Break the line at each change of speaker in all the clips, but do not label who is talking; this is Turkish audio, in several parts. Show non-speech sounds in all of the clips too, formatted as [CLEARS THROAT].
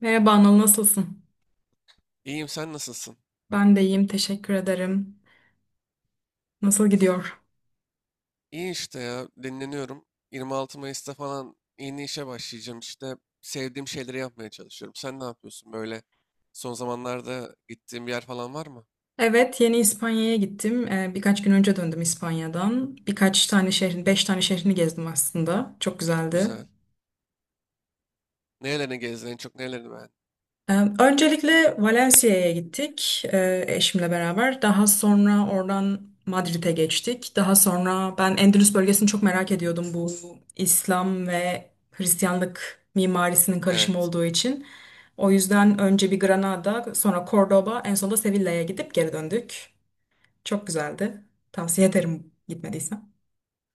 Merhaba Anıl, nasılsın?
İyiyim sen nasılsın?
Ben de iyiyim, teşekkür ederim. Nasıl gidiyor?
İyi işte ya dinleniyorum. 26 Mayıs'ta falan yeni işe başlayacağım işte. Sevdiğim şeyleri yapmaya çalışıyorum. Sen ne yapıyorsun böyle? Son zamanlarda gittiğin bir yer falan var mı?
Evet, yeni İspanya'ya gittim. Birkaç gün önce döndüm İspanya'dan. Birkaç tane şehrin, beş tane şehrini gezdim aslında. Çok güzeldi.
Güzel. Nerelerini gezdin en çok nerelerini beğendin?
Ee, Öncelikle Valencia'ya gittik eşimle beraber. Daha sonra oradan Madrid'e geçtik. Daha sonra ben Endülüs bölgesini çok merak ediyordum, bu İslam ve Hristiyanlık mimarisinin karışımı
Evet.
olduğu için. O yüzden önce bir Granada, sonra Cordoba, en sonunda Sevilla'ya gidip geri döndük. Çok güzeldi. Tavsiye ederim gitmediysen.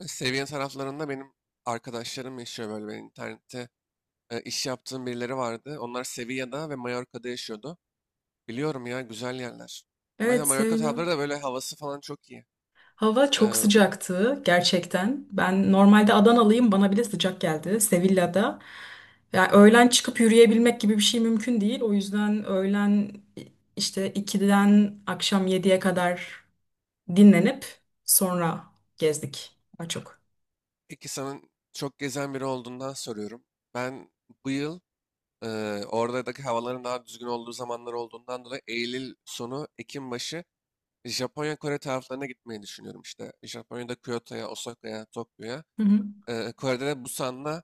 Seviye taraflarında benim arkadaşlarım yaşıyor böyle ben internette. İş yaptığım birileri vardı. Onlar Sevilla'da ve Mallorca'da yaşıyordu. Biliyorum ya güzel yerler.
Evet,
Mesela Mallorca tarafları
Sevilla.
da böyle havası falan çok iyi.
Hava çok
E,
sıcaktı gerçekten. Ben normalde Adanalıyım, bana bile sıcak geldi Sevilla'da. Yani öğlen çıkıp yürüyebilmek gibi bir şey mümkün değil. O yüzden öğlen işte 2'den akşam 7'ye kadar dinlenip sonra gezdik daha çok.
Peki sana çok gezen biri olduğundan soruyorum. Ben bu yıl e, oradaki havaların daha düzgün olduğu zamanlar olduğundan dolayı Eylül sonu, Ekim başı Japonya, Kore taraflarına gitmeyi düşünüyorum işte. Japonya'da Kyoto'ya, Osaka'ya, Tokyo'ya. Kore'de de Busan'la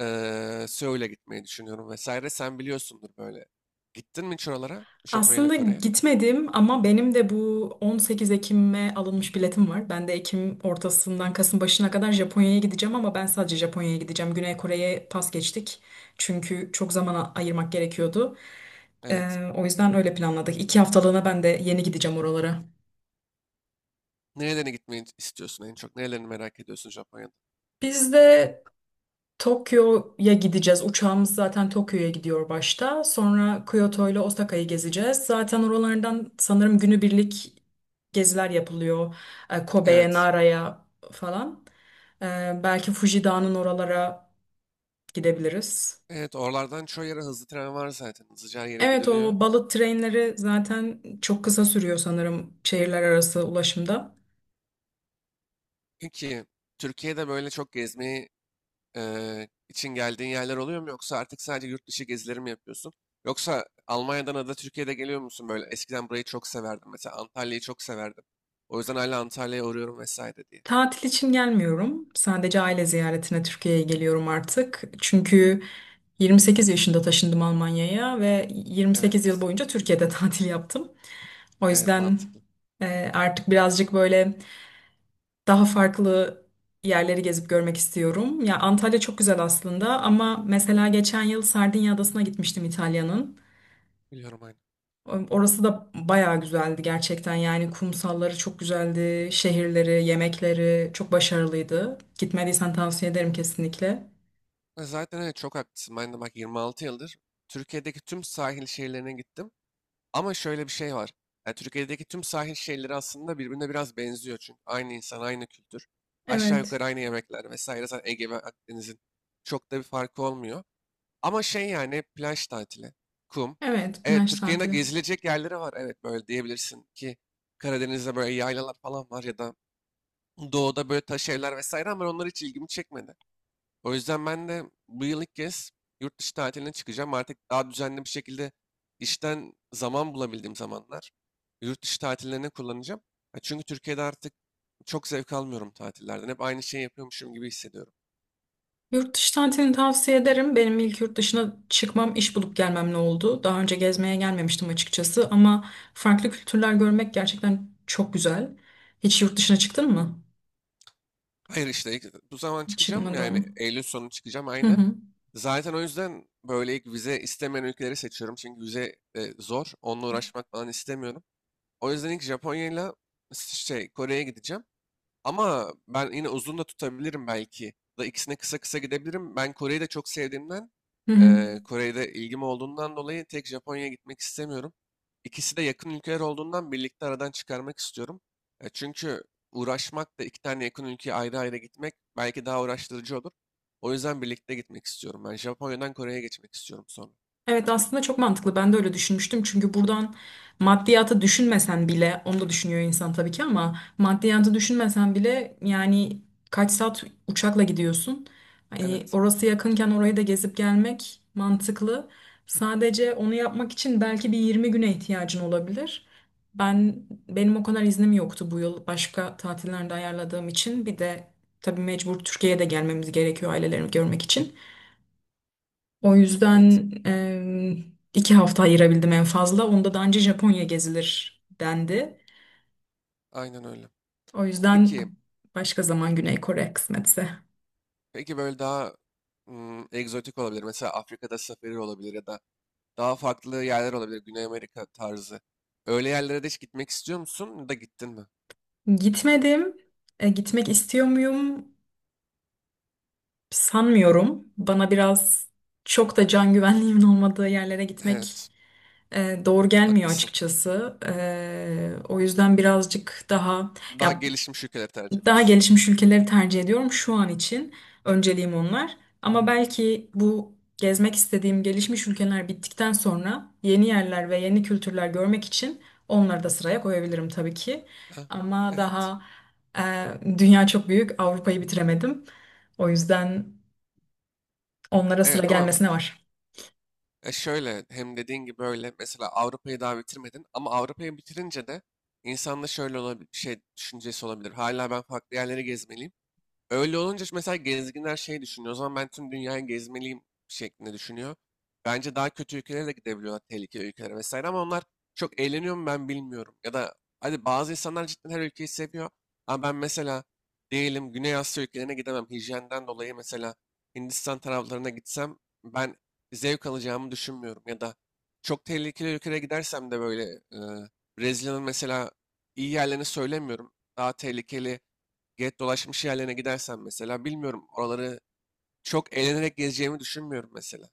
Seul'e gitmeyi düşünüyorum vesaire. Sen biliyorsundur böyle. Gittin mi hiç oralara? Japonya ile
Aslında
Kore'ye?
gitmedim ama benim de bu 18 Ekim'e alınmış biletim var. Ben de Ekim ortasından Kasım başına kadar Japonya'ya gideceğim, ama ben sadece Japonya'ya gideceğim. Güney Kore'ye pas geçtik. Çünkü çok zaman ayırmak gerekiyordu.
Evet.
O yüzden öyle planladık. 2 haftalığına ben de yeni gideceğim oralara.
Nerelerine gitmeyi istiyorsun en çok? Nerelerini merak ediyorsun Japonya'da?
Biz de Tokyo'ya gideceğiz. Uçağımız zaten Tokyo'ya gidiyor başta. Sonra Kyoto ile Osaka'yı gezeceğiz. Zaten oralardan sanırım günübirlik geziler yapılıyor. Kobe'ye,
Evet.
Nara'ya falan. E, Belki Fuji Dağı'nın oralara gidebiliriz.
Evet, oralardan çoğu yere hızlı tren var zaten. Hızlıca her yere
Evet,
gidiliyor.
o balık trenleri zaten çok kısa sürüyor sanırım, şehirler arası ulaşımda.
Peki Türkiye'de böyle çok gezmeyi için geldiğin yerler oluyor mu? Yoksa artık sadece yurt dışı gezileri mi yapıyorsun? Yoksa Almanya'dan ya da Türkiye'de geliyor musun böyle? Eskiden burayı çok severdim. Mesela Antalya'yı çok severdim. O yüzden hala Antalya'ya uğruyorum vesaire diye.
Tatil için gelmiyorum. Sadece aile ziyaretine Türkiye'ye geliyorum artık. Çünkü 28 yaşında taşındım Almanya'ya ve 28 yıl
Evet,
boyunca Türkiye'de [LAUGHS] tatil yaptım. O
evet
yüzden
mantıklı.
artık birazcık böyle daha farklı yerleri gezip görmek istiyorum. Ya Antalya çok güzel aslında, ama mesela geçen yıl Sardinya Adası'na gitmiştim, İtalya'nın.
Biliyorum aynı.
Orası da bayağı güzeldi gerçekten, yani kumsalları çok güzeldi, şehirleri, yemekleri çok başarılıydı. Gitmediysen tavsiye ederim kesinlikle.
Zaten evet çok haklısın. Ben de bak 26 yıldır Türkiye'deki tüm sahil şehirlerine gittim. Ama şöyle bir şey var. Yani Türkiye'deki tüm sahil şehirleri aslında birbirine biraz benziyor çünkü. Aynı insan, aynı kültür. Aşağı
Evet,
yukarı aynı yemekler vesaire. Zaten Ege ve Akdeniz'in çok da bir farkı olmuyor. Ama şey yani plaj tatili, kum.
evet, plaj
Evet Türkiye'nin de
tatili.
gezilecek yerleri var. Evet böyle diyebilirsin ki Karadeniz'de böyle yaylalar falan var ya da doğuda böyle taş evler vesaire ama onlar hiç ilgimi çekmedi. O yüzden ben de bu yıl ilk kez yurt dışı tatiline çıkacağım. Artık daha düzenli bir şekilde işten zaman bulabildiğim zamanlar yurt dışı tatillerine kullanacağım. Ya çünkü Türkiye'de artık çok zevk almıyorum tatillerden. Hep aynı şeyi yapıyormuşum gibi hissediyorum.
Yurt dışı tatilini tavsiye ederim. Benim ilk yurt dışına çıkmam iş bulup gelmemle oldu. Daha önce gezmeye gelmemiştim açıkçası, ama farklı kültürler görmek gerçekten çok güzel. Hiç yurt dışına çıktın mı?
Hayır işte bu zaman çıkacağım yani
Çıkmadım.
Eylül sonu çıkacağım
Hı
aynen.
hı.
Zaten o yüzden böyle ilk vize istemeyen ülkeleri seçiyorum. Çünkü vize zor. Onunla uğraşmak falan istemiyorum. O yüzden ilk Japonya'yla şey Kore'ye gideceğim. Ama ben yine uzun da tutabilirim belki. Da ikisine kısa kısa gidebilirim. Ben Kore'yi de çok sevdiğimden,
Hı hı.
Kore'de ilgim olduğundan dolayı tek Japonya'ya gitmek istemiyorum. İkisi de yakın ülkeler olduğundan birlikte aradan çıkarmak istiyorum. Çünkü uğraşmak da iki tane yakın ülkeye ayrı ayrı gitmek belki daha uğraştırıcı olur. O yüzden birlikte gitmek istiyorum. Ben Japonya'dan Kore'ye geçmek istiyorum sonra.
Evet, aslında çok mantıklı. Ben de öyle düşünmüştüm. Çünkü buradan maddiyatı düşünmesen bile, onu da düşünüyor insan tabii ki, ama maddiyatı düşünmesen bile yani kaç saat uçakla gidiyorsun? Hani
Evet,
orası yakınken orayı da gezip gelmek mantıklı. Sadece onu yapmak için belki bir 20 güne ihtiyacın olabilir. Ben benim o kadar iznim yoktu bu yıl, başka tatillerde ayarladığım için. Bir de tabii mecbur Türkiye'ye de gelmemiz gerekiyor ailelerimi görmek için. O
evet,
yüzden 2 hafta ayırabildim en fazla. Onda da anca Japonya gezilir dendi.
aynen öyle.
O yüzden
Peki,
başka zaman Güney Kore, kısmetse.
peki böyle daha egzotik olabilir. Mesela Afrika'da safari olabilir ya da daha farklı yerler olabilir. Güney Amerika tarzı. Öyle yerlere de hiç gitmek istiyor musun? Ya da gittin mi?
Gitmedim. Gitmek istiyor muyum? Sanmıyorum. Bana biraz, çok da can güvenliğimin olmadığı yerlere gitmek
Evet.
doğru gelmiyor
Haklısın.
açıkçası. O yüzden birazcık daha,
Daha
ya,
gelişmiş ülkeleri tercih
daha
ediyorsun.
gelişmiş ülkeleri tercih ediyorum şu an için. Önceliğim onlar. Ama belki bu gezmek istediğim gelişmiş ülkeler bittikten sonra, yeni yerler ve yeni kültürler görmek için onları da sıraya koyabilirim tabii ki.
Ha,
Ama
evet.
e, dünya çok büyük,
[CLEARS THROAT] Hı.
Avrupa'yı bitiremedim. O yüzden onlara sıra
Evet ama
gelmesine var.
şöyle hem dediğin gibi böyle mesela Avrupa'yı daha bitirmedin ama Avrupa'yı bitirince de insanda şöyle olabilir, şey düşüncesi olabilir. Hala ben farklı yerleri gezmeliyim. Öyle olunca mesela gezginler şey düşünüyor. O zaman ben tüm dünyayı gezmeliyim şeklinde düşünüyor. Bence daha kötü ülkelere de gidebiliyorlar, tehlikeli ülkelere vesaire ama onlar çok eğleniyor mu ben bilmiyorum. Ya da hadi bazı insanlar cidden her ülkeyi seviyor. Ama ben mesela diyelim Güney Asya ülkelerine gidemem. Hijyenden dolayı mesela Hindistan taraflarına gitsem ben zevk alacağımı düşünmüyorum. Ya da çok tehlikeli ülkelere gidersem de böyle e, Brezilya'nın mesela iyi yerlerini söylemiyorum. Daha tehlikeli get dolaşmış yerlerine gidersen mesela bilmiyorum oraları çok eğlenerek gezeceğimi düşünmüyorum mesela.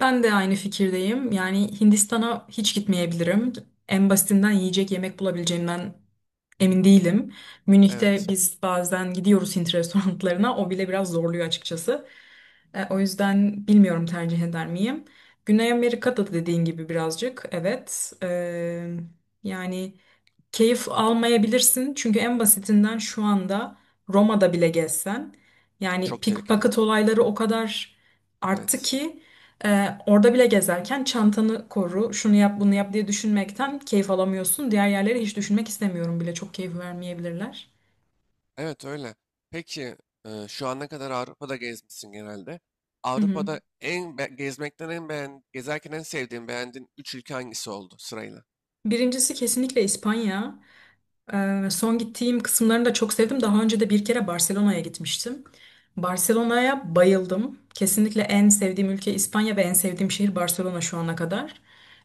Ben de aynı fikirdeyim. Yani Hindistan'a hiç gitmeyebilirim. En basitinden yiyecek yemek bulabileceğimden emin değilim. Münih'te
Evet.
biz bazen gidiyoruz Hint [LAUGHS] restoranlarına. O bile biraz zorluyor açıkçası. O yüzden bilmiyorum tercih eder miyim. Güney Amerika'da da dediğin gibi birazcık. Evet. Yani keyif almayabilirsin. Çünkü en basitinden şu anda Roma'da bile gezsen. Yani
Çok tehlikeli.
pickpocket olayları o kadar arttı
Evet.
ki. Orada bile gezerken çantanı koru, şunu yap, bunu yap diye düşünmekten keyif alamıyorsun. Diğer yerleri hiç düşünmek istemiyorum bile. Çok keyif vermeyebilirler.
Evet öyle. Peki şu ana kadar Avrupa'da gezmişsin genelde.
Hı hı.
Avrupa'da gezmekten en beğen gezerken en sevdiğin beğendiğin 3 ülke hangisi oldu sırayla?
Birincisi kesinlikle İspanya. Son gittiğim kısımlarını da çok sevdim. Daha önce de bir kere Barcelona'ya gitmiştim. Barcelona'ya bayıldım. Kesinlikle en sevdiğim ülke İspanya ve en sevdiğim şehir Barcelona, şu ana kadar.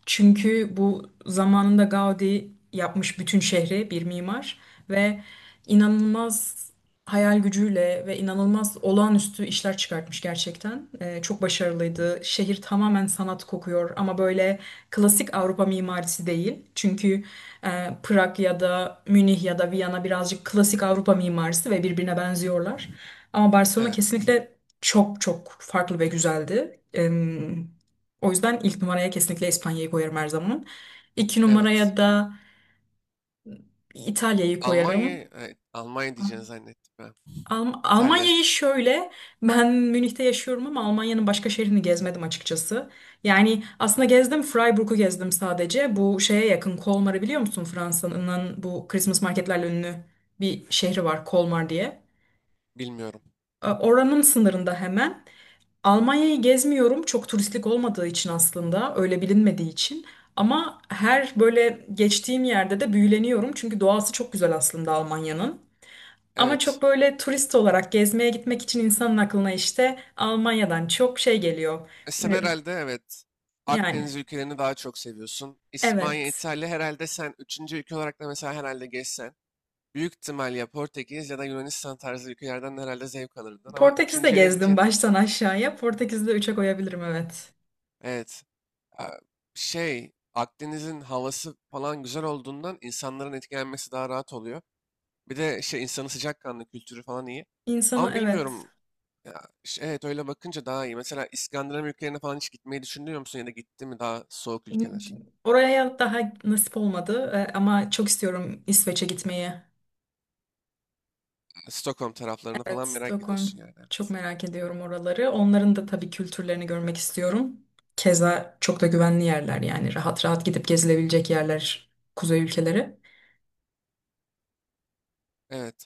Çünkü bu zamanında Gaudi yapmış bütün şehri, bir mimar, ve inanılmaz hayal gücüyle ve inanılmaz olağanüstü işler çıkartmış gerçekten. Çok başarılıydı. Şehir tamamen sanat kokuyor, ama böyle klasik Avrupa mimarisi değil. Çünkü Prag ya da Münih ya da Viyana birazcık klasik Avrupa mimarisi ve birbirine benziyorlar. Ama Barcelona
Evet.
kesinlikle çok çok farklı ve güzeldi. O yüzden ilk numaraya kesinlikle İspanya'yı koyarım her zaman. İki
Evet.
numaraya da İtalya'yı
Almanya,
koyarım.
evet, Almanya
Ah,
diyeceğini zannettim ben. İtalya,
Almanya'yı şöyle, ben Münih'te yaşıyorum ama Almanya'nın başka şehrini gezmedim açıkçası. Yani aslında gezdim, Freiburg'u gezdim sadece. Bu şeye yakın, Kolmar'ı biliyor musun? Fransa'nın bu Christmas marketlerle ünlü bir şehri var, Kolmar diye.
bilmiyorum.
Oranın sınırında hemen. Almanya'yı gezmiyorum, çok turistik olmadığı için aslında, öyle bilinmediği için. Ama her böyle geçtiğim yerde de büyüleniyorum, çünkü doğası çok güzel aslında Almanya'nın. Ama
Evet.
çok böyle turist olarak gezmeye gitmek için insanın aklına işte Almanya'dan çok şey geliyor.
Sen
E,
herhalde evet
Yani
Akdeniz ülkelerini daha çok seviyorsun. İspanya,
evet.
İtalya herhalde sen üçüncü ülke olarak da mesela herhalde geçsen. Büyük ihtimal ya Portekiz ya da Yunanistan tarzı ülkelerden de herhalde zevk alırdın. Ama
Portekiz'de
üçüncüye ne
gezdim
diyeceksin?
baştan aşağıya. Portekiz'de üçe koyabilirim, evet.
Evet. a, Şey Akdeniz'in havası falan güzel olduğundan insanların etkilenmesi daha rahat oluyor. Bir de şey insanı sıcakkanlı kültürü falan iyi.
İnsanı,
Ama
evet.
bilmiyorum. Ya, evet öyle bakınca daha iyi. Mesela İskandinav ülkelerine falan hiç gitmeyi düşünüyor musun ya da gitti mi daha soğuk ülkeler?
Oraya daha nasip olmadı ama çok istiyorum İsveç'e gitmeyi.
Stockholm taraflarını
Evet,
falan merak ediyorsun
Stockholm.
yani.
Çok
Evet.
merak ediyorum oraları. Onların da tabii kültürlerini görmek istiyorum. Keza çok da güvenli yerler, yani rahat rahat gidip gezilebilecek yerler, kuzey ülkeleri.
Evet.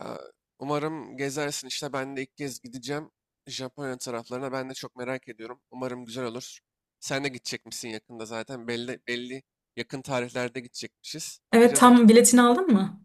Ya, umarım gezersin işte ben de ilk kez gideceğim. Japonya taraflarına ben de çok merak ediyorum. Umarım güzel olur. Sen de gidecek misin yakında zaten belli yakın tarihlerde gidecekmişiz.
Evet,
Bakacağız
tam
artık.
biletini aldın mı?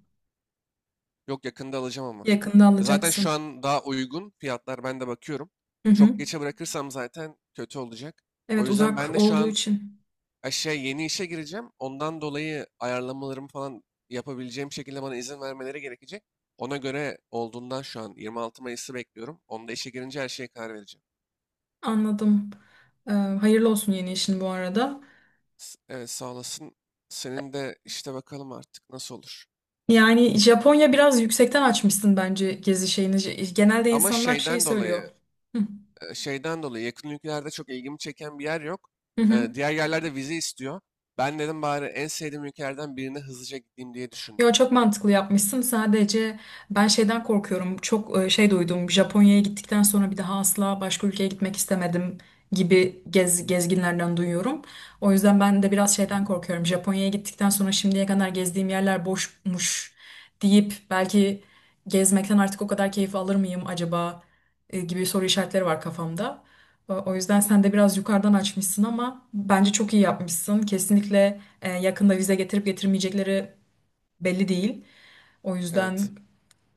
Yok yakında alacağım ama.
Yakında
Zaten şu
alacaksın.
an daha uygun fiyatlar ben de bakıyorum.
Hı hı.
Çok geçe bırakırsam zaten kötü olacak. O
Evet,
yüzden ben
uzak
de şu
olduğu
an
için.
aşağı yeni işe gireceğim. Ondan dolayı ayarlamalarımı falan yapabileceğim şekilde bana izin vermeleri gerekecek. Ona göre olduğundan şu an 26 Mayıs'ı bekliyorum. Onda işe girince her şeye karar vereceğim.
Anladım. Hayırlı olsun yeni işin bu arada.
Evet sağ olasın. Senin de işte bakalım artık nasıl olur.
Yani Japonya biraz yüksekten açmışsın bence, gezi şeyini. Genelde
Ama
insanlar şey
şeyden
söylüyor.
dolayı,
Hı
şeyden dolayı yakın ülkelerde çok ilgimi çeken bir yer yok.
hı. Hı.
Diğer yerlerde vize istiyor. Ben dedim bari en sevdiğim ülkelerden birine hızlıca gideyim diye düşündüm.
Yo, çok mantıklı yapmışsın. Sadece ben şeyden korkuyorum. Çok şey duydum. Japonya'ya gittikten sonra bir daha asla başka ülkeye gitmek istemedim gibi, gezginlerden duyuyorum. O yüzden ben de biraz şeyden korkuyorum. Japonya'ya gittikten sonra, şimdiye kadar gezdiğim yerler boşmuş deyip belki gezmekten artık o kadar keyif alır mıyım acaba gibi soru işaretleri var kafamda. O yüzden sen de biraz yukarıdan açmışsın, ama bence çok iyi yapmışsın. Kesinlikle yakında vize getirip getirmeyecekleri belli değil. O yüzden
Evet,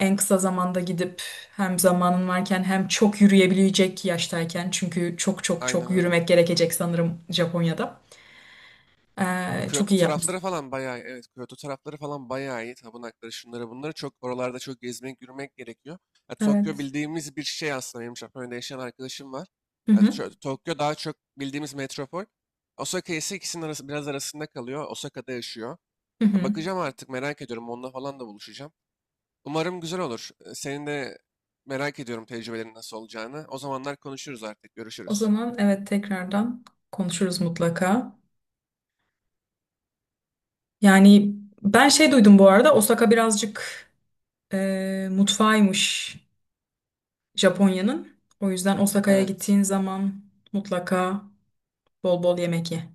en kısa zamanda gidip hem zamanın varken, hem çok yürüyebilecek yaştayken, çünkü çok çok çok
aynen öyle.
yürümek gerekecek sanırım Japonya'da. Çok
Kyoto
iyi yapmışsın.
tarafları falan bayağı evet Kyoto tarafları falan bayağı iyi. Tapınakları şunları bunları çok oralarda çok gezmek yürümek gerekiyor. Ya, Tokyo
Evet.
bildiğimiz bir şey aslında benim Japonya'da yaşayan arkadaşım var.
Hı
Yani
hı.
şöyle, Tokyo daha çok bildiğimiz metropol. Osaka ise ikisinin arası biraz arasında kalıyor. Osaka'da yaşıyor.
Hı
Ya,
hı.
bakacağım artık merak ediyorum onunla falan da buluşacağım. Umarım güzel olur. Senin de merak ediyorum tecrübelerin nasıl olacağını. O zamanlar konuşuruz artık
O
görüşürüz.
zaman evet, tekrardan konuşuruz mutlaka. Yani ben şey duydum bu arada, Osaka birazcık mutfağıymış Japonya'nın. O yüzden Osaka'ya
Evet.
gittiğin zaman mutlaka bol bol yemek ye.